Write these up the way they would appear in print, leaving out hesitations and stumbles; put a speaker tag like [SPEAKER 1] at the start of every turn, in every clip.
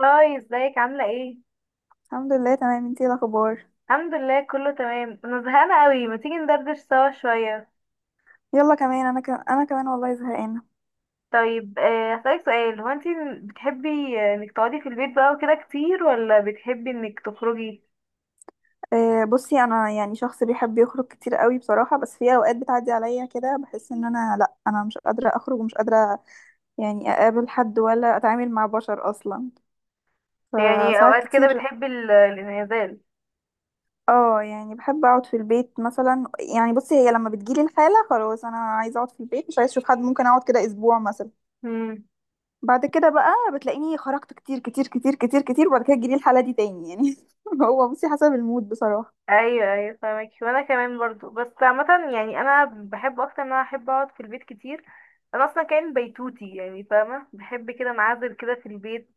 [SPEAKER 1] هاي، ازيك عاملة ايه؟
[SPEAKER 2] الحمد لله، تمام. انتي ايه الاخبار؟
[SPEAKER 1] الحمد لله كله تمام، انا زهقانة قوي. ما تيجي ندردش سوا شوية؟
[SPEAKER 2] يلا كمان، انا كمان والله زهقانه.
[SPEAKER 1] طيب، هسألك سؤال. هو انتي بتحبي انك تقعدي في البيت بقى وكده كتير ولا بتحبي انك تخرجي؟
[SPEAKER 2] بصي، انا يعني شخص بيحب يخرج كتير قوي بصراحه، بس في اوقات بتعدي عليا كده بحس ان انا، لا، انا مش قادره اخرج ومش قادره يعني اقابل حد ولا اتعامل مع بشر اصلا،
[SPEAKER 1] يعني
[SPEAKER 2] فساعات
[SPEAKER 1] اوقات كده
[SPEAKER 2] كتير.
[SPEAKER 1] بتحبي الانعزال.
[SPEAKER 2] اه، يعني بحب اقعد في البيت مثلا. يعني بصي، هي لما بتجيلي الحاله خلاص انا عايزه اقعد في البيت، مش عايزه اشوف حد، ممكن اقعد كده اسبوع مثلا.
[SPEAKER 1] امم.
[SPEAKER 2] بعد كده بقى بتلاقيني خرجت كتير كتير كتير كتير كتير، وبعد كده تجيلي الحاله دي تاني يعني هو بصي حسب المود بصراحه.
[SPEAKER 1] ايوه، ايوه، فاهمك. وانا كمان برضو، بس عامة يعني انا بحب اكتر ان انا احب اقعد في البيت كتير. انا اصلا كائن بيتوتي يعني، فاهمة، بحب كده انعزل كده في البيت.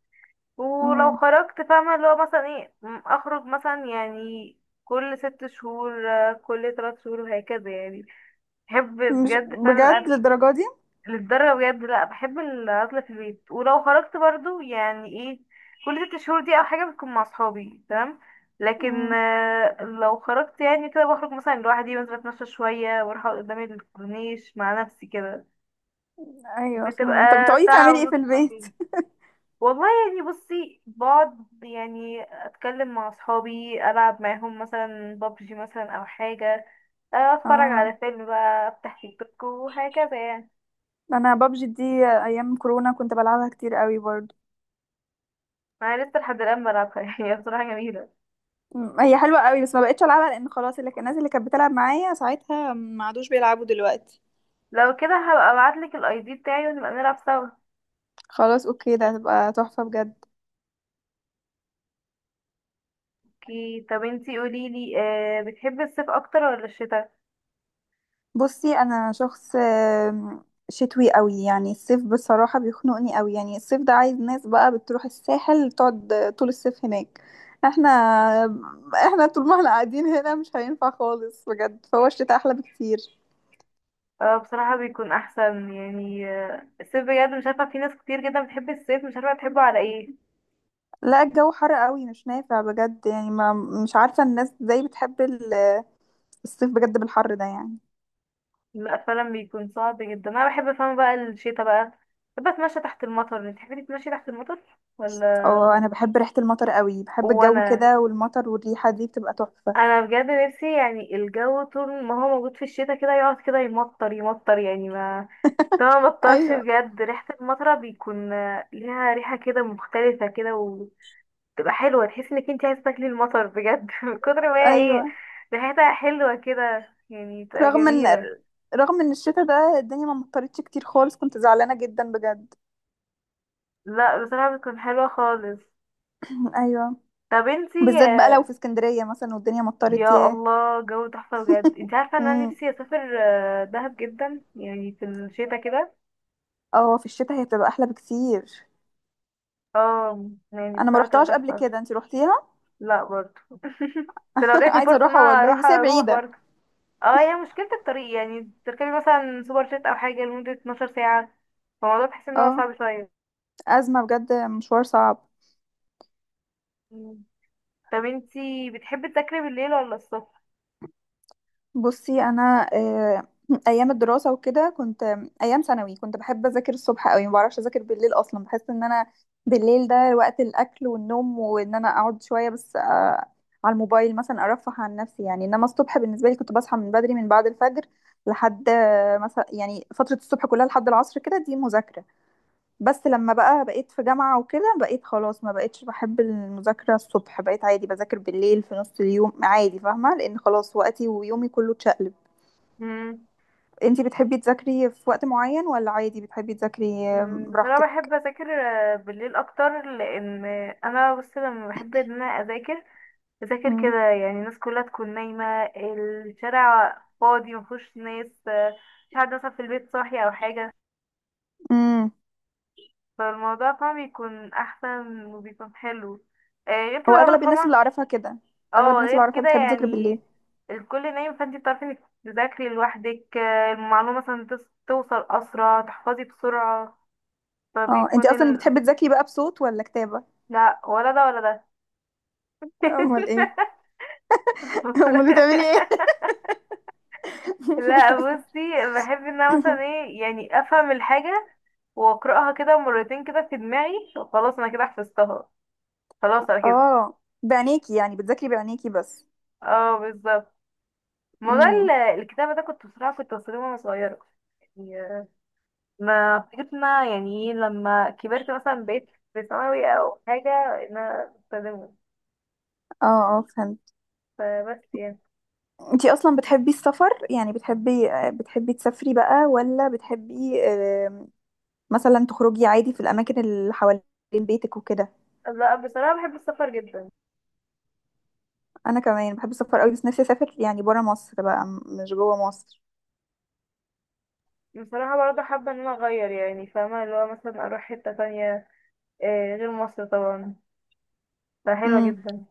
[SPEAKER 1] ولو
[SPEAKER 2] مم.
[SPEAKER 1] خرجت، فاهمة، اللي هو مثلا ايه، اخرج مثلا يعني كل ست شهور، كل 3 شهور وهكذا يعني. بحب
[SPEAKER 2] مش
[SPEAKER 1] بجد فعلا
[SPEAKER 2] بجد
[SPEAKER 1] الأكل.
[SPEAKER 2] للدرجة دي.
[SPEAKER 1] للدرجة بجد، لا، بحب الأكل في البيت. ولو خرجت برضو يعني ايه، كل 6 شهور دي أو حاجة بتكون مع صحابي، تمام. لكن
[SPEAKER 2] مم.
[SPEAKER 1] لو خرجت يعني كده بخرج مثلا لوحدي، بنزل اتمشى شوية واروح أقعد قدام الكورنيش مع نفسي كده.
[SPEAKER 2] ايوه،
[SPEAKER 1] بتبقى
[SPEAKER 2] فهمك. طب بتقعدي
[SPEAKER 1] ساعة
[SPEAKER 2] تعملي ايه
[SPEAKER 1] ونص،
[SPEAKER 2] في البيت؟
[SPEAKER 1] ساعتين. والله يعني بصي، بقعد يعني اتكلم مع اصحابي، العب معاهم مثلا ببجي مثلا او حاجه. اتفرج
[SPEAKER 2] اه،
[SPEAKER 1] على فيلم بقى، افتح تيك توك وهكذا يعني.
[SPEAKER 2] انا بابجي دي ايام كورونا كنت بلعبها كتير قوي برضو.
[SPEAKER 1] انا لسه لحد الان بلعبها يعني هي بصراحه جميله.
[SPEAKER 2] مم. هي حلوة قوي، بس ما بقتش العبها لان خلاص الناس اللي كانت بتلعب معايا ساعتها ما عادوش بيلعبوا دلوقتي.
[SPEAKER 1] لو كده هبقى ابعتلك الاي دي بتاعي ونبقى نلعب سوا.
[SPEAKER 2] خلاص، اوكي، ده هتبقى تحفة بجد.
[SPEAKER 1] اوكي. طب انتي قوليلي، آه بتحبي الصيف اكتر ولا الشتاء؟
[SPEAKER 2] بصي انا شخص شتوي قوي، يعني الصيف بصراحة بيخنقني قوي. يعني الصيف ده عايز ناس بقى بتروح الساحل تقعد طول الصيف هناك، احنا احنا طول ما احنا قاعدين هنا مش هينفع خالص بجد، فهو الشتاء احلى بكتير.
[SPEAKER 1] بصراحه بيكون احسن يعني. الصيف بجد مش عارفه، في ناس كتير جدا بتحب الصيف، مش عارفه تحبه على ايه.
[SPEAKER 2] لا، الجو حر قوي، مش نافع بجد، يعني ما مش عارفة الناس ازاي بتحب الصيف بجد بالحر ده يعني.
[SPEAKER 1] لا، فعلا بيكون صعب جدا. انا بحب، فاهمة، بقى الشتا بقى. بحب اتمشى تحت المطر. انت تحبي تتمشي تحت المطر، ولا؟
[SPEAKER 2] اه، انا بحب ريحة المطر قوي، بحب الجو
[SPEAKER 1] وانا
[SPEAKER 2] كده، والمطر والريحة دي بتبقى تحفة.
[SPEAKER 1] انا بجد نفسي يعني الجو طول ما هو موجود في الشتا كده يقعد كده يمطر يمطر يعني ما. طبعا ما مطرش
[SPEAKER 2] ايوه،
[SPEAKER 1] بجد، ريحة المطرة بيكون ليها ريحة كده مختلفة كده، وتبقى حلوة، تحس انك انت عايزة تاكلي المطر بجد من كتر ما هي ايه،
[SPEAKER 2] ايوه.
[SPEAKER 1] ريحتها حلوة كده يعني، تبقى
[SPEAKER 2] رغم ان
[SPEAKER 1] جميلة.
[SPEAKER 2] رغم ان الشتاء ده الدنيا ما مطرتش كتير خالص، كنت زعلانة جدا بجد.
[SPEAKER 1] لا بصراحة بتكون حلوة خالص.
[SPEAKER 2] ايوه،
[SPEAKER 1] طب انتي،
[SPEAKER 2] بالذات بقى لو في اسكندرية مثلا والدنيا مطرت،
[SPEAKER 1] يا
[SPEAKER 2] ياه.
[SPEAKER 1] الله، جو تحفة بجد. انت عارفة ان انا
[SPEAKER 2] امم.
[SPEAKER 1] نفسي اسافر دهب، جدا يعني في الشتا كده.
[SPEAKER 2] اه، في الشتاء هي بتبقى احلى بكتير.
[SPEAKER 1] اه، يعني
[SPEAKER 2] انا ما
[SPEAKER 1] بصراحة تبقى
[SPEAKER 2] روحتهاش قبل
[SPEAKER 1] تحفة.
[SPEAKER 2] كده، انتي روحتيها؟
[SPEAKER 1] لا برضه. بس لو جاتلي
[SPEAKER 2] عايزة
[SPEAKER 1] فرصة ان
[SPEAKER 2] اروحها
[SPEAKER 1] انا
[SPEAKER 2] والله
[SPEAKER 1] اروح،
[SPEAKER 2] بس هي
[SPEAKER 1] اروح
[SPEAKER 2] بعيدة.
[SPEAKER 1] برضه. اه، هي مشكلة الطريق، يعني تركبي مثلا سوبر جيت او حاجة لمدة 12 ساعة. فالموضوع بحس ان هو
[SPEAKER 2] اه،
[SPEAKER 1] صعب شوية.
[SPEAKER 2] ازمة بجد، مشوار صعب.
[SPEAKER 1] مم. طب انتي بتحبي تذاكري بالليل ولا الصبح؟
[SPEAKER 2] بصي انا ايام الدراسه وكده كنت ايام ثانوي كنت بحب اذاكر الصبح قوي، ما بعرفش اذاكر بالليل اصلا. بحس ان انا بالليل ده وقت الاكل والنوم، وان انا اقعد شويه بس على الموبايل مثلا ارفه عن نفسي يعني. انما الصبح بالنسبه لي كنت بصحى من بدري من بعد الفجر لحد مثلا، يعني فتره الصبح كلها لحد العصر كده دي مذاكره. بس لما بقى بقيت في جامعه وكده بقيت خلاص ما بقيتش بحب المذاكره الصبح، بقيت عادي بذاكر بالليل في نص اليوم عادي، فاهمه، لان خلاص وقتي ويومي كله اتشقلب.
[SPEAKER 1] مم.
[SPEAKER 2] انتي بتحبي تذاكري في وقت معين ولا عادي بتحبي تذاكري
[SPEAKER 1] بصراحة
[SPEAKER 2] براحتك؟
[SPEAKER 1] بحب اذاكر بالليل اكتر، لان انا بصي لما بحب ان انا اذاكر، اذاكر
[SPEAKER 2] مم.
[SPEAKER 1] كده يعني الناس كلها تكون نايمة. الشارع فاضي مفهوش ناس، مش حد مثلا في البيت صاحي او حاجة.
[SPEAKER 2] مم.
[SPEAKER 1] فالموضوع طبعا بيكون احسن وبيكون حلو. غير
[SPEAKER 2] هو
[SPEAKER 1] كده برضه،
[SPEAKER 2] اغلب الناس اللي
[SPEAKER 1] فاهمة.
[SPEAKER 2] اعرفها كده، اغلب
[SPEAKER 1] اه،
[SPEAKER 2] الناس اللي
[SPEAKER 1] غير
[SPEAKER 2] اعرفها
[SPEAKER 1] كده
[SPEAKER 2] بتحب تذاكري بالليل.
[SPEAKER 1] يعني الكل نايم، فانتي بتعرفي انك تذاكري لوحدك، المعلومة مثلا توصل اسرع، تحفظي بسرعة.
[SPEAKER 2] اه،
[SPEAKER 1] فبيكون
[SPEAKER 2] انتي اصلا بتحبي تذاكري بقى بصوت ولا كتابة؟
[SPEAKER 1] لا، ولا ده ولا ده.
[SPEAKER 2] امال ايه؟ امال بتعملي ايه؟
[SPEAKER 1] لا بصي، بحب ان انا مثلا ايه يعني افهم الحاجه، واقراها كده مرتين كده في دماغي، خلاص انا كده حفظتها. خلاص على كده.
[SPEAKER 2] اه، بعينيكي؟ يعني بتذاكري بعينيكي بس؟
[SPEAKER 1] اه بالظبط. موضوع
[SPEAKER 2] امم.
[SPEAKER 1] الكتابة ده، كنت بصراحة كنت بستخدمه وانا صغيرة. يعني ما افتكرت ان أنا يعني إيه، لما كبرت مثلا بقيت في ثانوي او حاجة، ان انا بستخدمه.
[SPEAKER 2] اه، اه، فهمت.
[SPEAKER 1] فبس يعني.
[SPEAKER 2] انتي اصلا بتحبي السفر؟ يعني بتحبي تسافري بقى ولا بتحبي مثلا تخرجي عادي في الاماكن اللي حوالين بيتك وكده؟
[SPEAKER 1] لا بصراحة بحب السفر جدا.
[SPEAKER 2] انا كمان بحب السفر قوي، بس نفسي اسافر يعني برا مصر بقى، مش جوه مصر.
[SPEAKER 1] بصراحة برضه حابة ان انا اغير يعني، فاهمة، اللي هو مثلا اروح حتة تانية، غير مصر طبعا، فحلوة
[SPEAKER 2] امم.
[SPEAKER 1] جدا.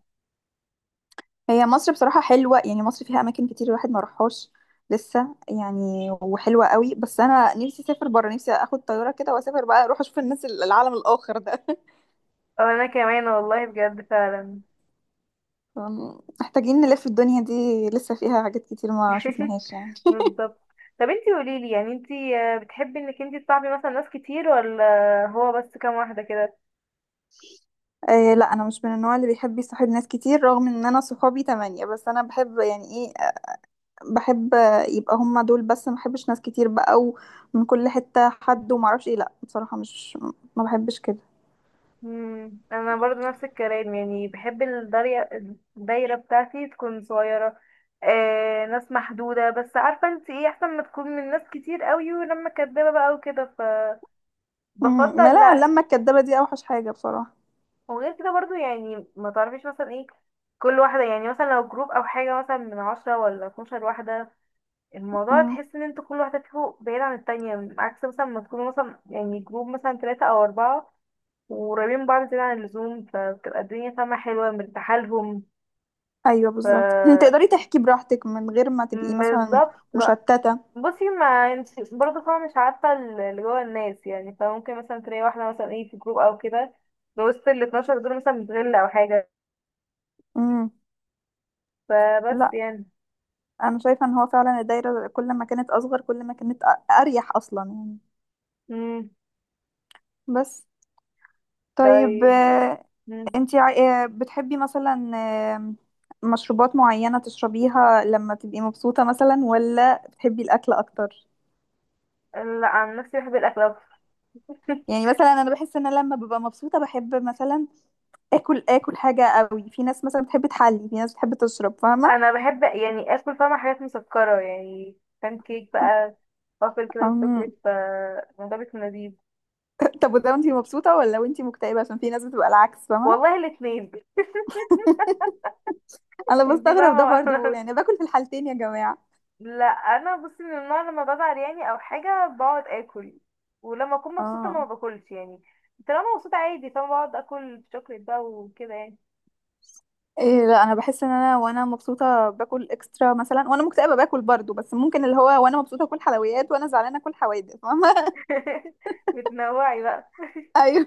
[SPEAKER 2] هي مصر بصراحه حلوه، يعني مصر فيها اماكن كتير الواحد ما راحهاش لسه يعني، وحلوه قوي، بس انا نفسي اسافر برا. نفسي اخد طياره كده واسافر بقى، اروح اشوف الناس العالم الاخر ده
[SPEAKER 1] او انا كمان، والله بجد فعلا.
[SPEAKER 2] محتاجين نلف الدنيا دي، لسه فيها حاجات كتير ما شفناهاش يعني.
[SPEAKER 1] بالظبط. طب انتي قوليلي يعني، انتي بتحبي انك انتي تصاحبي مثلا ناس كتير، ولا هو بس كام واحدة كده؟
[SPEAKER 2] آه، لا، انا مش من النوع اللي بيحب يصاحب ناس كتير، رغم ان انا صحابي 8، بس انا بحب، يعني إيه، بحب يبقى هما دول بس. ما بحبش ناس كتير بقى، ومن كل حتة حد وما اعرفش ايه، لا، بصراحة، مش ما بحبش كده.
[SPEAKER 1] مم. انا برضو نفس الكلام، يعني بحب الدايرة. الدايرة بتاعتي تكون صغيرة، ناس محدودة. بس عارفة انتي ايه، احسن ما تكون من ناس كتير قوي ولما كدابة بقى وكده.
[SPEAKER 2] امم. ما،
[SPEAKER 1] فبفضل
[SPEAKER 2] لا،
[SPEAKER 1] لا.
[SPEAKER 2] اللمة الكدابة دي اوحش حاجة بصراحة.
[SPEAKER 1] وغير كده برضو يعني، ما تعرفيش مثلا ايه، كل واحدة يعني، مثلا لو جروب او حاجة مثلا من 10 ولا 12 واحدة، الموضوع
[SPEAKER 2] امم.
[SPEAKER 1] تحس ان انتوا كل واحدة فيكم بعيدة عن التانية، عكس مثلا ما تكونوا مثلا يعني جروب مثلا 3 أو 4 وقريبين من بعض زيادة عن اللزوم، فبتبقى الدنيا، فاهمة، حلوة مرتاحة لهم.
[SPEAKER 2] ايوه
[SPEAKER 1] ف
[SPEAKER 2] بالظبط تقدري تحكي براحتك من غير ما تبقي مثلا
[SPEAKER 1] بالظبط بقى.
[SPEAKER 2] مشتتة.
[SPEAKER 1] بصي، ما انت برضه فاهمة، مش عارفة اللي جوه الناس يعني، فممكن مثلا تلاقي واحدة مثلا ايه في جروب أو كده، في وسط ال 12 دول مثلا بتغل أو حاجة.
[SPEAKER 2] امم.
[SPEAKER 1] فبس
[SPEAKER 2] لا،
[SPEAKER 1] يعني.
[SPEAKER 2] انا شايفة ان هو فعلا الدايرة كل ما كانت اصغر كل ما كانت اريح اصلا يعني.
[SPEAKER 1] مم.
[SPEAKER 2] بس، طيب،
[SPEAKER 1] طيب. مم.
[SPEAKER 2] انتي بتحبي مثلا، آم، مشروبات معينة تشربيها لما تبقي مبسوطة مثلا ولا بتحبي الأكل أكتر؟
[SPEAKER 1] لا، عن نفسي بحب الأكل أكتر.
[SPEAKER 2] يعني مثلا أنا بحس إن أنا لما ببقى مبسوطة بحب مثلا آكل حاجة قوي. في ناس مثلا بتحب تحلي، في ناس بتحب تشرب، فاهمة؟
[SPEAKER 1] انا بحب يعني اكل، فاهمة، حاجات مسكرة يعني، بان كيك بقى، وافل كده
[SPEAKER 2] أم،
[SPEAKER 1] بالشوكليت، ف الموضوع بيكون لذيذ.
[SPEAKER 2] طب، وده وانتي مبسوطة ولا وانتي مكتئبة؟ عشان في ناس بتبقى العكس، فاهمة؟
[SPEAKER 1] والله، الاتنين.
[SPEAKER 2] أنا
[SPEAKER 1] انتي
[SPEAKER 2] بستغرب ده
[SPEAKER 1] فاهمة بقى.
[SPEAKER 2] برضو، يعني باكل في الحالتين يا جماعة.
[SPEAKER 1] لا، انا بصي من النوع لما بزعل يعني او حاجة بقعد اكل، ولما اكون مبسوطة
[SPEAKER 2] اه،
[SPEAKER 1] ما باكلش يعني. طالما مبسوطة عادي، فاهمة، بقعد اكل شوكليت بقى وكده يعني.
[SPEAKER 2] إيه، لا، انا بحس ان انا وانا مبسوطه باكل اكسترا مثلا، وانا مكتئبه باكل برضو، بس ممكن اللي هو وانا مبسوطه اكل حلويات وانا زعلانه اكل حوادق، فاهمه
[SPEAKER 1] بتنوعي بقى.
[SPEAKER 2] ايوه.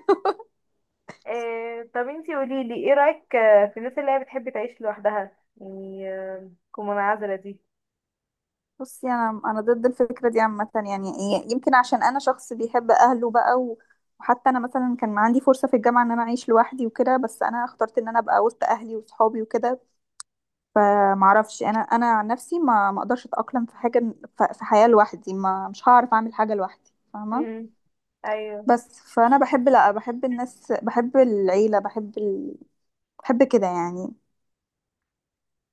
[SPEAKER 1] إيه، طب انتي قوليلي، ايه رأيك في الناس اللي هي بتحب تعيش لوحدها يعني، تكون منعزلة دي؟
[SPEAKER 2] بصي انا ضد الفكره دي عامه، يعني يمكن عشان انا شخص بيحب اهله بقى وحتى انا مثلا كان عندي فرصه في الجامعه ان انا اعيش لوحدي وكده، بس انا اخترت ان انا ابقى وسط اهلي وصحابي وكده. فمعرفش انا عن نفسي ما اقدرش اتاقلم في حاجه، في حياه لوحدي، ما مش هعرف اعمل حاجه لوحدي فاهمه.
[SPEAKER 1] مم. ايوه.
[SPEAKER 2] بس فانا بحب، لا، بحب الناس، بحب العيله، بحب كده يعني.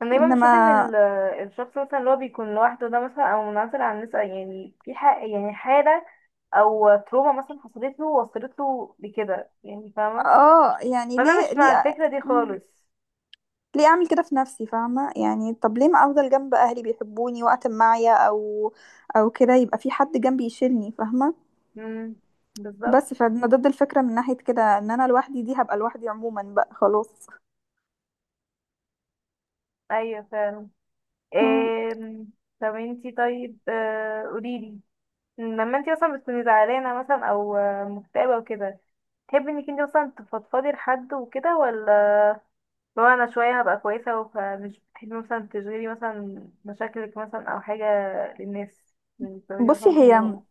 [SPEAKER 1] انا دايما
[SPEAKER 2] انما
[SPEAKER 1] بشوف ان الشخص مثلا اللي هو بيكون لوحده ده مثلا او منعزل عن الناس، يعني في حق يعني حاله، او تروما مثلا حصلت له وصلت له لكده، يعني فاهمه.
[SPEAKER 2] اه، يعني
[SPEAKER 1] فانا
[SPEAKER 2] ليه
[SPEAKER 1] مش مع
[SPEAKER 2] ليه
[SPEAKER 1] الفكره دي
[SPEAKER 2] مم.
[SPEAKER 1] خالص.
[SPEAKER 2] ليه اعمل كده في نفسي فاهمه؟ يعني طب ليه ما افضل جنب اهلي، بيحبوني وقت ما معايا او كده يبقى في حد جنبي يشيلني فاهمه.
[SPEAKER 1] امم.
[SPEAKER 2] بس
[SPEAKER 1] بالظبط.
[SPEAKER 2] فانا ضد الفكره من ناحيه كده، ان انا لوحدي دي هبقى لوحدي عموما بقى خلاص.
[SPEAKER 1] ايوه فعلا.
[SPEAKER 2] مم.
[SPEAKER 1] إيه. طب انتي، طيب، قوليلي لما انتي مثلا بتكوني زعلانه مثلا او مكتئبه وكده، تحبي انك انتي مثلا تفضفضي لحد وكده، ولا لو انا شويه هبقى كويسه، فمش بتحبي مثلا تشغلي مثلا مشاكلك مثلا او حاجه للناس، من بتعملي
[SPEAKER 2] بصي
[SPEAKER 1] مثلا
[SPEAKER 2] هي،
[SPEAKER 1] حلهم؟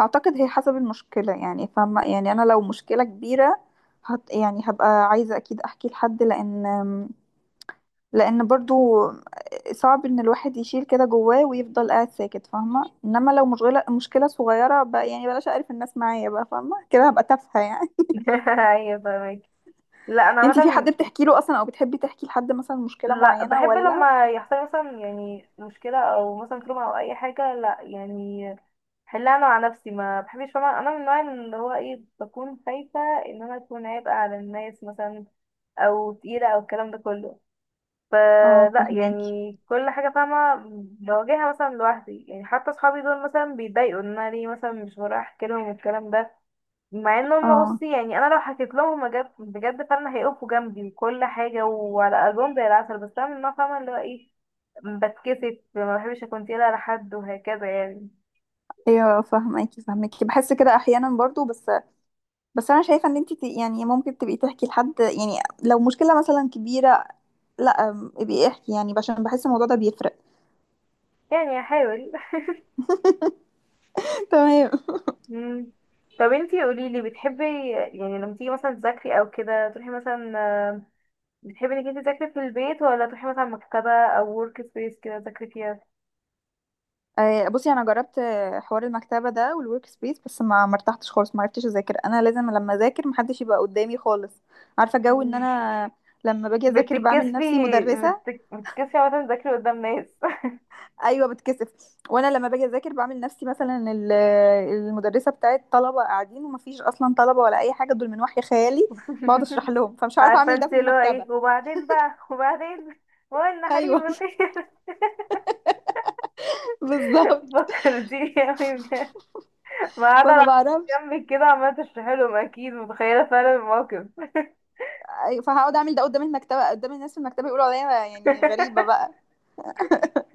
[SPEAKER 2] اعتقد هي حسب المشكله، يعني فاهمه، يعني انا لو مشكله كبيره هت يعني هبقى عايزه اكيد احكي لحد، لان برضو صعب ان الواحد يشيل كده جواه ويفضل قاعد ساكت فاهمه. انما لو مشغله مشكله صغيره بقى، يعني بلاش اعرف الناس معايا بقى، فاهمه كده هبقى تافهه يعني
[SPEAKER 1] ايوه، فاهمك. لا انا
[SPEAKER 2] انتي في
[SPEAKER 1] عامه،
[SPEAKER 2] حد بتحكي له اصلا؟ او بتحبي تحكي لحد مثلا مشكله
[SPEAKER 1] لا
[SPEAKER 2] معينه
[SPEAKER 1] بحب
[SPEAKER 2] ولا؟
[SPEAKER 1] لما يحصل مثلا يعني مشكله او مثلا تروما او اي حاجه، لا يعني، حلها انا مع نفسي، ما بحبش، فاهمة، انا من النوع اللي هو ايه، بكون خايفه ان انا اكون عبء على الناس مثلا، او تقيله او الكلام ده كله.
[SPEAKER 2] اه،
[SPEAKER 1] فلا
[SPEAKER 2] فهماكي.
[SPEAKER 1] يعني، كل حاجة، فاهمة، بواجهها مثلا لوحدي يعني. حتى صحابي دول مثلا بيتضايقوا ان انا ليه مثلا مش بروح احكي لهم الكلام ده، مع ان هم،
[SPEAKER 2] اه،
[SPEAKER 1] بصي يعني، انا لو حكيت لهم بجد بجد فعلا هيقفوا جنبي وكل حاجة وعلى قلبهم زي العسل. بس انا من النوع، فاهمة، اللي هو ايه، بتكسف، ما بحبش اكون تقيلة على حد وهكذا يعني.
[SPEAKER 2] ايوه فهماكي بحس كده احيانا برضو، بس بس انا شايفه ان انت يعني ممكن تبقي تحكي لحد يعني لو مشكله مثلا كبيره. لا، ابقي احكي يعني، عشان بحس الموضوع ده بيفرق.
[SPEAKER 1] يعني هحاول.
[SPEAKER 2] تمام.
[SPEAKER 1] مم. طب انتي قوليلي، بتحبي يعني لما تيجي مثلا تذاكري او كده تروحي مثلا، بتحبي انك انت تذاكري في البيت، ولا تروحي مثلا مكتبة او ورك سبيس كده تذاكري فيها؟
[SPEAKER 2] بصي انا جربت حوار المكتبه ده والورك سبيس، بس ما مرتحتش خالص، ما عرفتش اذاكر. انا لازم لما اذاكر محدش يبقى قدامي خالص، عارفه جو ان
[SPEAKER 1] مم.
[SPEAKER 2] انا لما باجي اذاكر بعمل
[SPEAKER 1] بتتكسفي؟
[SPEAKER 2] نفسي مدرسه.
[SPEAKER 1] بتتكسفي عامة تذاكري قدام ناس؟
[SPEAKER 2] ايوه، بتكسف، وانا لما باجي اذاكر بعمل نفسي مثلا المدرسه بتاعت طلبه قاعدين، ومفيش اصلا طلبه ولا اي حاجه، دول من وحي خيالي، بقعد اشرح لهم، فمش عارفه
[SPEAKER 1] عارفة
[SPEAKER 2] اعمل ده
[SPEAKER 1] انت
[SPEAKER 2] في
[SPEAKER 1] اللي هو
[SPEAKER 2] المكتبه.
[SPEAKER 1] ايه، وبعدين بقى وبعدين هو ان حليم
[SPEAKER 2] ايوه
[SPEAKER 1] الخير.
[SPEAKER 2] بالظبط،
[SPEAKER 1] فكرتيني اوي بجد. ما قاعدة
[SPEAKER 2] فما
[SPEAKER 1] على
[SPEAKER 2] بعرفش.
[SPEAKER 1] جنبي كده عمالة تشرحي لهم، اكيد متخيلة فعلا الموقف.
[SPEAKER 2] أيوة، فهقعد اعمل ده قدام المكتبه قدام الناس في المكتبه، يقولوا عليا يعني غريبه بقى.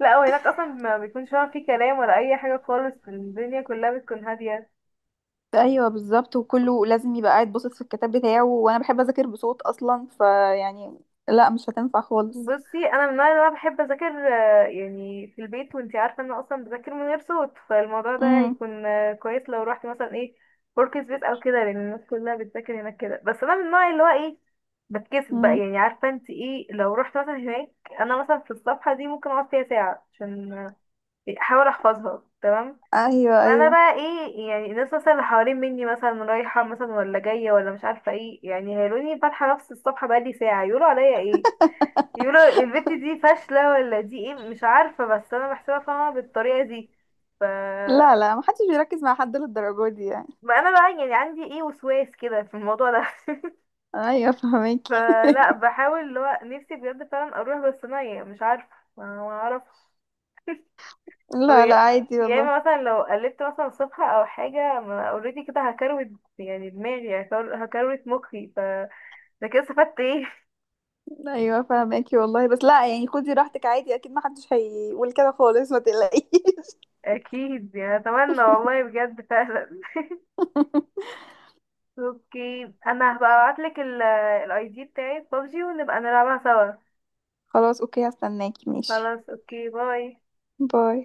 [SPEAKER 1] لا، وهناك اصلا ما بيكونش فعلا في كلام ولا اي حاجة خالص، الدنيا كلها بتكون هادية.
[SPEAKER 2] ايوه بالظبط، وكله لازم يبقى قاعد باصص في الكتاب بتاعه، وانا بحب اذاكر بصوت اصلا، فيعني لا، مش هتنفع خالص.
[SPEAKER 1] بصي انا من النوع اللي هو بحب اذاكر يعني في البيت. وانتي عارفه ان انا اصلا بذاكر من غير صوت، فالموضوع ده
[SPEAKER 2] امم.
[SPEAKER 1] هيكون كويس لو رحت مثلا ايه ورك سبيس او كده، لان الناس كلها بتذاكر هناك كده. بس انا من النوع اللي هو ايه، بتكسف بقى
[SPEAKER 2] امم.
[SPEAKER 1] يعني. عارفه انتي ايه، لو رحت مثلا هناك انا مثلا في الصفحه دي ممكن اقعد فيها ساعه عشان احاول احفظها، تمام.
[SPEAKER 2] ايوه،
[SPEAKER 1] انا
[SPEAKER 2] ايوه.
[SPEAKER 1] بقى ايه يعني، الناس مثلا اللي حوالين مني مثلا رايحه مثلا ولا جايه ولا مش عارفه ايه، يعني هيقولوني فاتحه نفس الصفحه بقالي ساعه، يقولوا عليا ايه، يقولوا البت دي فاشلة ولا دي ايه، مش عارفة، بس انا بحسبها، فاهمة، بالطريقة دي. ف
[SPEAKER 2] لا، لا، ما حدش بيركز مع حد للدرجه دي يعني.
[SPEAKER 1] ما انا بقى يعني عندي ايه، وسواس كده في الموضوع ده.
[SPEAKER 2] ايوه، فهماكي
[SPEAKER 1] فلا، بحاول اللي هو نفسي بجد فعلا اروح، بس انا يعني مش عارفة، ما اعرفش. أو
[SPEAKER 2] لا، لا،
[SPEAKER 1] يا
[SPEAKER 2] عادي
[SPEAKER 1] يا
[SPEAKER 2] والله.
[SPEAKER 1] اما مثلا لو قلبت مثلا صفحة او حاجة، ما اوريدي كده هكروت، يعني دماغي هكروت مخي، ف ده كده استفدت ايه؟
[SPEAKER 2] ايوه فهماكي والله، بس لا يعني خدي راحتك عادي، اكيد ما حدش هيقول كده خالص، ما تقلقيش.
[SPEAKER 1] اكيد يعني، اتمنى والله بجد فعلا. اوكي، انا هبقى ابعتلك الاي دي بتاعي بابجي، ونبقى نلعبها سوا.
[SPEAKER 2] خلاص، اوكي، هستناكي، ماشي.
[SPEAKER 1] خلاص، اوكي، باي.
[SPEAKER 2] باي.